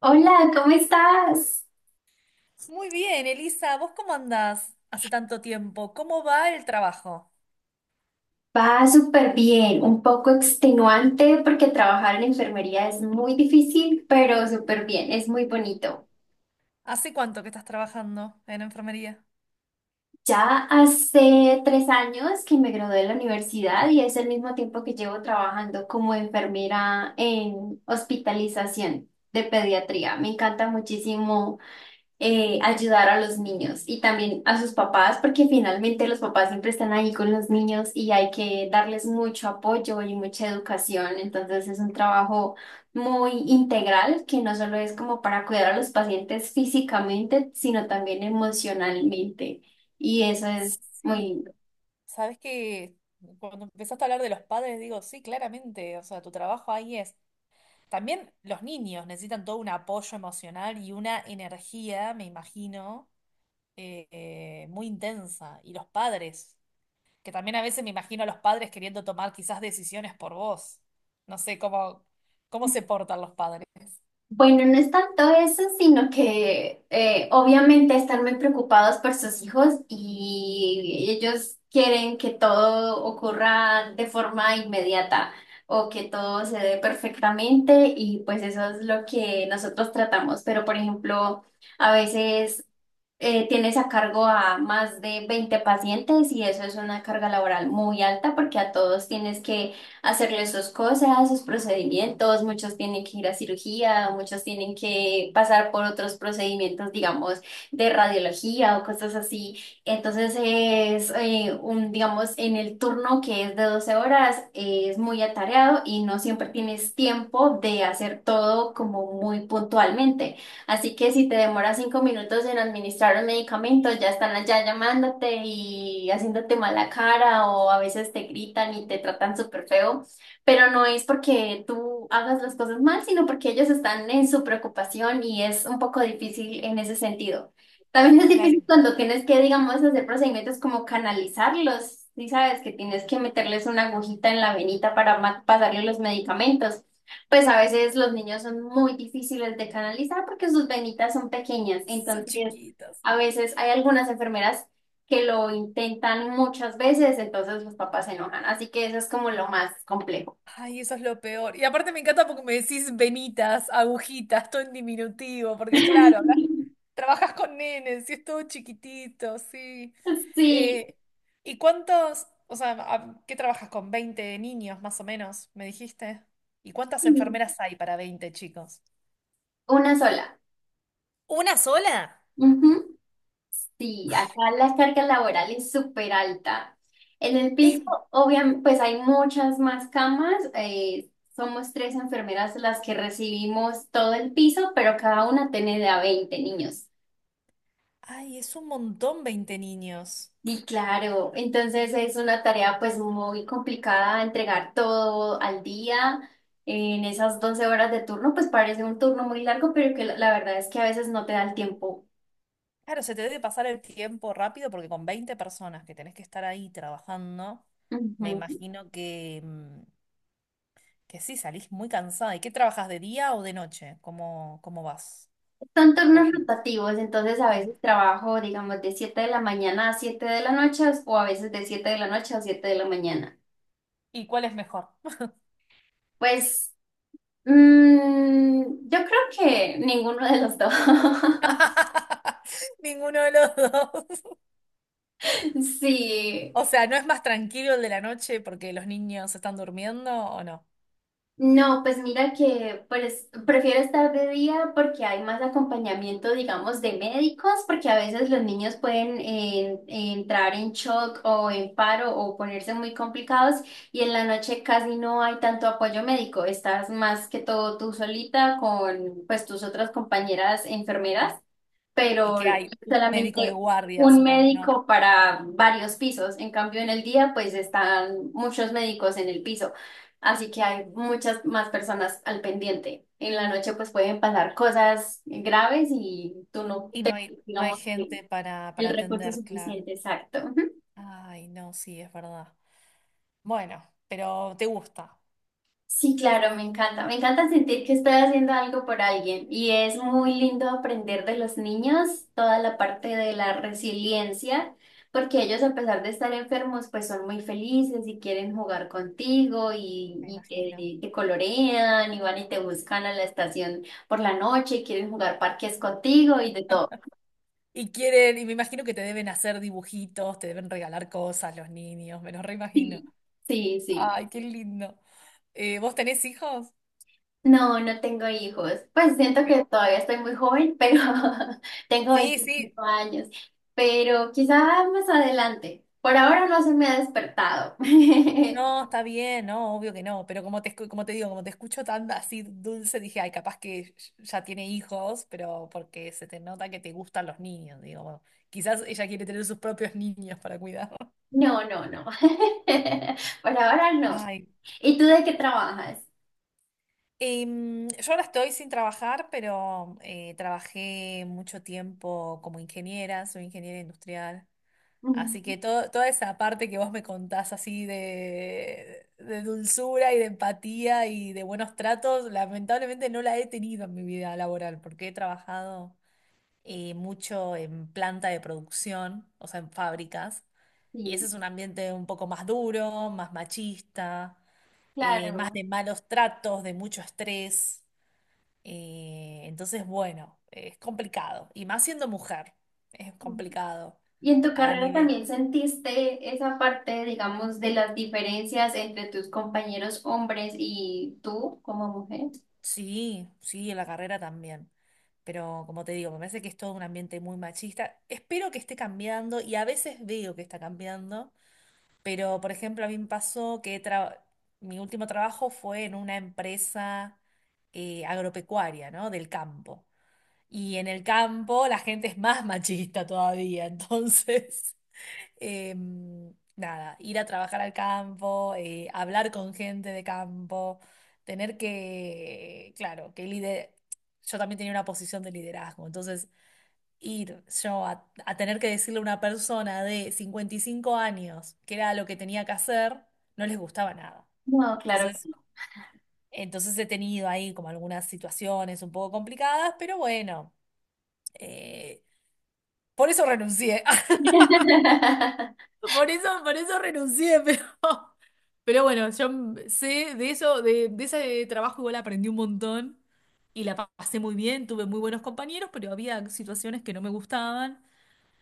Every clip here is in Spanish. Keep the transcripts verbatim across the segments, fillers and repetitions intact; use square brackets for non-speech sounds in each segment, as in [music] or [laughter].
Hola, ¿cómo estás? Muy bien, Elisa, ¿vos cómo andás hace tanto tiempo? ¿Cómo va el trabajo? Va súper bien, un poco extenuante porque trabajar en enfermería es muy difícil, pero súper bien, es muy bonito. ¿Hace cuánto que estás trabajando en enfermería? Ya hace tres años que me gradué de la universidad y es el mismo tiempo que llevo trabajando como enfermera en hospitalización de pediatría. Me encanta muchísimo eh, ayudar a los niños y también a sus papás, porque finalmente los papás siempre están ahí con los niños y hay que darles mucho apoyo y mucha educación. Entonces es un trabajo muy integral que no solo es como para cuidar a los pacientes físicamente, sino también emocionalmente. Y eso es Sí, muy, sabes que cuando empezaste a hablar de los padres, digo, sí, claramente, o sea, tu trabajo ahí es. También los niños necesitan todo un apoyo emocional y una energía, me imagino, eh, eh, muy intensa. Y los padres, que también a veces me imagino a los padres queriendo tomar quizás decisiones por vos. No sé cómo, cómo se portan los padres. Bueno, no es tanto eso, sino que eh, obviamente están muy preocupados por sus hijos y ellos quieren que todo ocurra de forma inmediata o que todo se dé perfectamente y pues eso es lo que nosotros tratamos. Pero por ejemplo, a veces eh, tienes a cargo a más de veinte pacientes y eso es una carga laboral muy alta porque a todos tienes que hacerles sus cosas, sus procedimientos, muchos tienen que ir a cirugía, muchos tienen que pasar por otros procedimientos, digamos, de radiología o cosas así. Entonces es eh, un, digamos, en el turno que es de doce horas, eh, es muy atareado y no siempre tienes tiempo de hacer todo como muy puntualmente. Así que si te demoras cinco minutos en administrar un medicamento, ya están allá llamándote y haciéndote mala cara o a veces te gritan y te tratan súper feo, pero no es porque tú hagas las cosas mal, sino porque ellos están en su preocupación y es un poco difícil en ese sentido. También es Claro. difícil cuando tienes que, digamos, hacer procedimientos como canalizarlos, si sabes que tienes que meterles una agujita en la venita para ma- pasarle los medicamentos. Pues a veces los niños son muy difíciles de canalizar porque sus venitas son pequeñas. Son Entonces, chiquitas. a veces hay algunas enfermeras que lo intentan muchas veces, entonces los papás se enojan. Así que eso es como lo más complejo. Ay, eso es lo peor. Y aparte me encanta porque me decís venitas, agujitas, todo en diminutivo, porque claro, hablas- [laughs] trabajas con nenes y es todo chiquitito, sí. Sí, Eh, ¿Y cuántos, o sea, a- qué trabajas con veinte niños más o menos, me dijiste? ¿Y cuántas sí, enfermeras hay para veinte chicos? una sola. ¿Una sola? Ujú. Sí, acá Ay, la carga laboral es súper alta. En el es, piso, obviamente, pues hay muchas más camas. Eh, somos tres enfermeras las que recibimos todo el piso, pero cada una tiene de a veinte niños. ay, es un montón veinte niños. Y claro, entonces es una tarea pues muy complicada entregar todo al día. En esas doce horas de turno, pues parece un turno muy largo, pero que la la verdad es que a veces no te da el tiempo. Claro, se te debe pasar el tiempo rápido porque con veinte personas que tenés que estar ahí trabajando, me Ujú. imagino que, mm, que sí, salís muy cansada. ¿Y qué trabajas de día o de noche? ¿Cómo, cómo vas? Son ¿O turnos varía? rotativos, entonces a Ah, veces trabajo, digamos, de siete de la mañana a siete de la noche o a veces de siete de la noche a siete de la mañana. ¿y cuál es mejor? Pues mm, yo creo que ninguno de los dos. [laughs] [laughs] Ninguno de los dos. [laughs] Sí, O sea, ¿no es más tranquilo el de la noche porque los niños están durmiendo o no? no, pues mira que pues, prefiero estar de día porque hay más acompañamiento, digamos, de médicos, porque a veces los niños pueden eh, entrar en shock o en paro o ponerse muy complicados y en la noche casi no hay tanto apoyo médico. Estás más que todo tú solita con pues tus otras compañeras enfermeras, ¿Y pero que hay un médico de solamente guardia, un supongo, ¿no? médico para varios pisos. En cambio, en el día, pues están muchos médicos en el piso, así que hay muchas más personas al pendiente. En la noche, pues pueden pasar cosas graves y tú no Y no te, hay, no hay digamos, el gente para, para el recurso atender, claro. suficiente, exacto. Ay, no, sí, es verdad. Bueno, pero te gusta. Sí, claro, me encanta. Me encanta sentir que estoy haciendo algo por alguien y es muy lindo aprender de los niños toda la parte de la resiliencia, porque ellos a pesar de estar enfermos, pues son muy felices y quieren jugar contigo y, Me imagino. y te, te colorean y van y te buscan a la estación por la noche y quieren jugar parques contigo y de todo. Y quieren, y me imagino que te deben hacer dibujitos, te deben regalar cosas los niños, me los reimagino. Sí, sí, sí. Ay, qué lindo. Eh, ¿vos tenés hijos? No, no tengo hijos. Pues siento que todavía estoy muy joven, pero [laughs] tengo Sí, sí. veinticinco años. Pero quizá más adelante. Por ahora no se me ha despertado. [laughs] No, está bien, no, obvio que no, pero como te, escu- como te digo, como te escucho tan así dulce, dije, ay, capaz que ya tiene hijos, pero porque se te nota que te gustan los niños, digo, bueno, quizás ella quiere tener sus propios niños para cuidar. No, no, no. [laughs] Por ahora [laughs] no. Ay. ¿Y tú de qué trabajas? Em, yo ahora estoy sin trabajar, pero eh, trabajé mucho tiempo como ingeniera, soy ingeniera industrial, así Mm. que todo, toda esa parte que vos me contás así de, de dulzura y de empatía y de buenos tratos, lamentablemente no la he tenido en mi vida laboral, porque he trabajado eh, mucho en planta de producción, o sea, en fábricas, y ese Sí, es un ambiente un poco más duro, más machista, eh, más claro. de malos tratos, de mucho estrés. Eh, entonces, bueno, es complicado. Y más siendo mujer, es Mm. complicado. ¿Y en tu A carrera nivel, también sentiste esa parte, digamos, de las diferencias entre tus compañeros hombres y tú como mujer? sí, sí, en la carrera también. Pero como te digo, me parece que es todo un ambiente muy machista. Espero que esté cambiando y a veces veo que está cambiando. Pero, por ejemplo, a mí me pasó que tra- mi último trabajo fue en una empresa eh, agropecuaria, ¿no? Del campo. Y en el campo la gente es más machista todavía. [laughs] Entonces... Em, nada, ir a trabajar al campo, eh, hablar con gente de campo, tener que, claro, que lider... yo también tenía una posición de liderazgo, entonces ir yo a, a tener que decirle a una persona de cincuenta y cinco años que era lo que tenía que hacer, no les gustaba nada. No, claro que Entonces, no. entonces he tenido ahí como algunas situaciones un poco complicadas, pero bueno, eh, por eso renuncié. [laughs] [laughs] Por eso, por eso renuncié, pero, [laughs] pero bueno, yo sé de eso, de, de ese trabajo igual aprendí un montón y la pa- pasé muy bien, tuve muy buenos compañeros, pero había situaciones que no me gustaban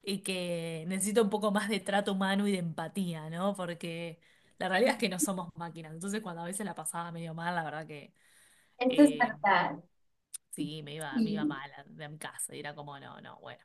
y que necesito un poco más de trato humano y de empatía, ¿no? Porque la realidad es que no somos máquinas, entonces cuando a veces la pasaba medio mal, la verdad que Esto es eh, verdad, sí, me iba, me iba sí. mal a, a mi casa y era como, no, no, bueno.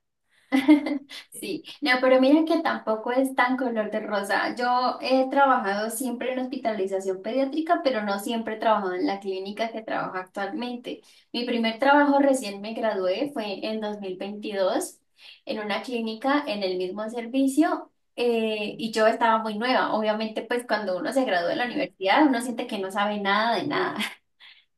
[laughs] eh, Sí, no, pero mira que tampoco es tan color de rosa. Yo he trabajado siempre en hospitalización pediátrica, pero no siempre he trabajado en la clínica que trabajo actualmente. Mi primer trabajo recién me gradué fue en dos mil veintidós, en una clínica en el mismo servicio eh, y yo estaba muy nueva. Obviamente, pues cuando uno se gradúa de la universidad, uno siente que no sabe nada de nada. [laughs]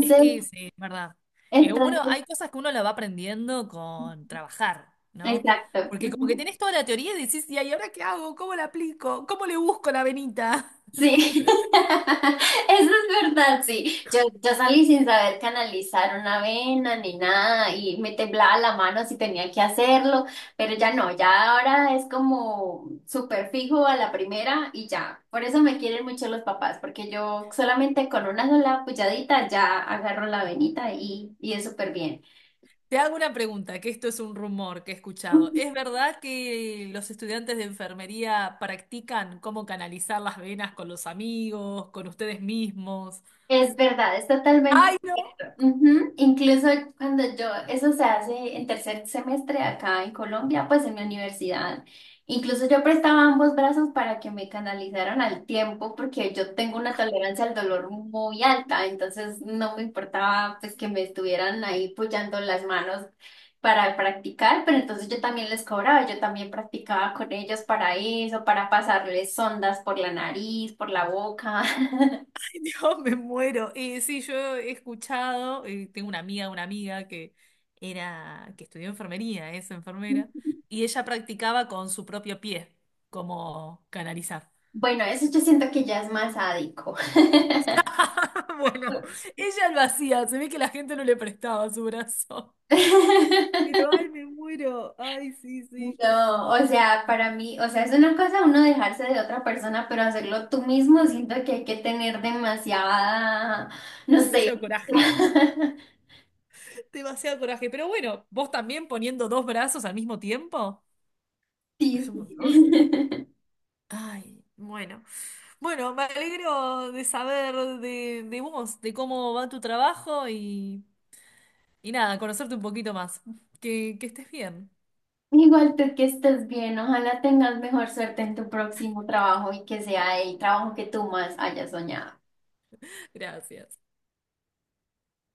Es que sí, es verdad. Eh, uno, entonces, hay cosas que uno la va aprendiendo con trabajar, ¿no? exacto. Porque como que Ujú. tenés toda la teoría y decís, "Ya, ¿y ahí ahora qué hago? ¿Cómo la aplico? ¿Cómo le busco la venita? [laughs] Sí, [laughs] ¿Entendés? eso es verdad, sí. Yo, yo salí sin saber canalizar una vena ni nada y me temblaba la mano si tenía que hacerlo, pero ya no, ya ahora es como súper fijo a la primera y ya. Por eso me quieren mucho los papás, porque yo solamente con una sola puyadita ya agarro la venita y, y es súper bien. Te hago una pregunta, que esto es un rumor que he escuchado. ¿Es verdad que los estudiantes de enfermería practican cómo canalizar las venas con los amigos, con ustedes mismos? Es verdad, es totalmente ¡Ay, no! cierto. Ujú, incluso cuando yo, eso se hace en tercer semestre acá en Colombia, pues en mi universidad, incluso yo prestaba ambos brazos para que me canalizaran al tiempo, porque yo tengo una tolerancia al dolor muy alta, entonces no me importaba pues que me estuvieran ahí apoyando las manos para practicar, pero entonces yo también les cobraba, yo también practicaba con ellos para eso, para pasarles sondas por la nariz, por la boca. [laughs] Dios, me muero. Eh, sí, yo he escuchado, eh, tengo una amiga, una amiga que era, que estudió enfermería, es [laughs] enfermera, y ella practicaba con su propio pie, como canalizar. Bueno, eso yo siento que ya es más sádico. [laughs] Bueno, ella lo hacía, se ve que la gente no le prestaba su brazo. [laughs] Pero [laughs] ay, me muero. Ay, sí, sí. No, o sea, para mí, o sea, es una cosa uno dejarse de otra persona, pero hacerlo tú mismo, siento que hay que tener demasiada, no sé. Demasiado coraje. [laughs] Demasiado coraje. Pero bueno, vos también poniendo dos brazos al mismo tiempo. Es Sí, un sí. montón. [laughs] Ay, bueno. Bueno, me alegro de saber de, de vos, de cómo va tu trabajo y, y nada, conocerte un poquito más. Que, que estés bien. Igual tú que estés bien, ojalá tengas mejor suerte en tu próximo trabajo y que sea el trabajo que tú más hayas soñado. [laughs] Gracias.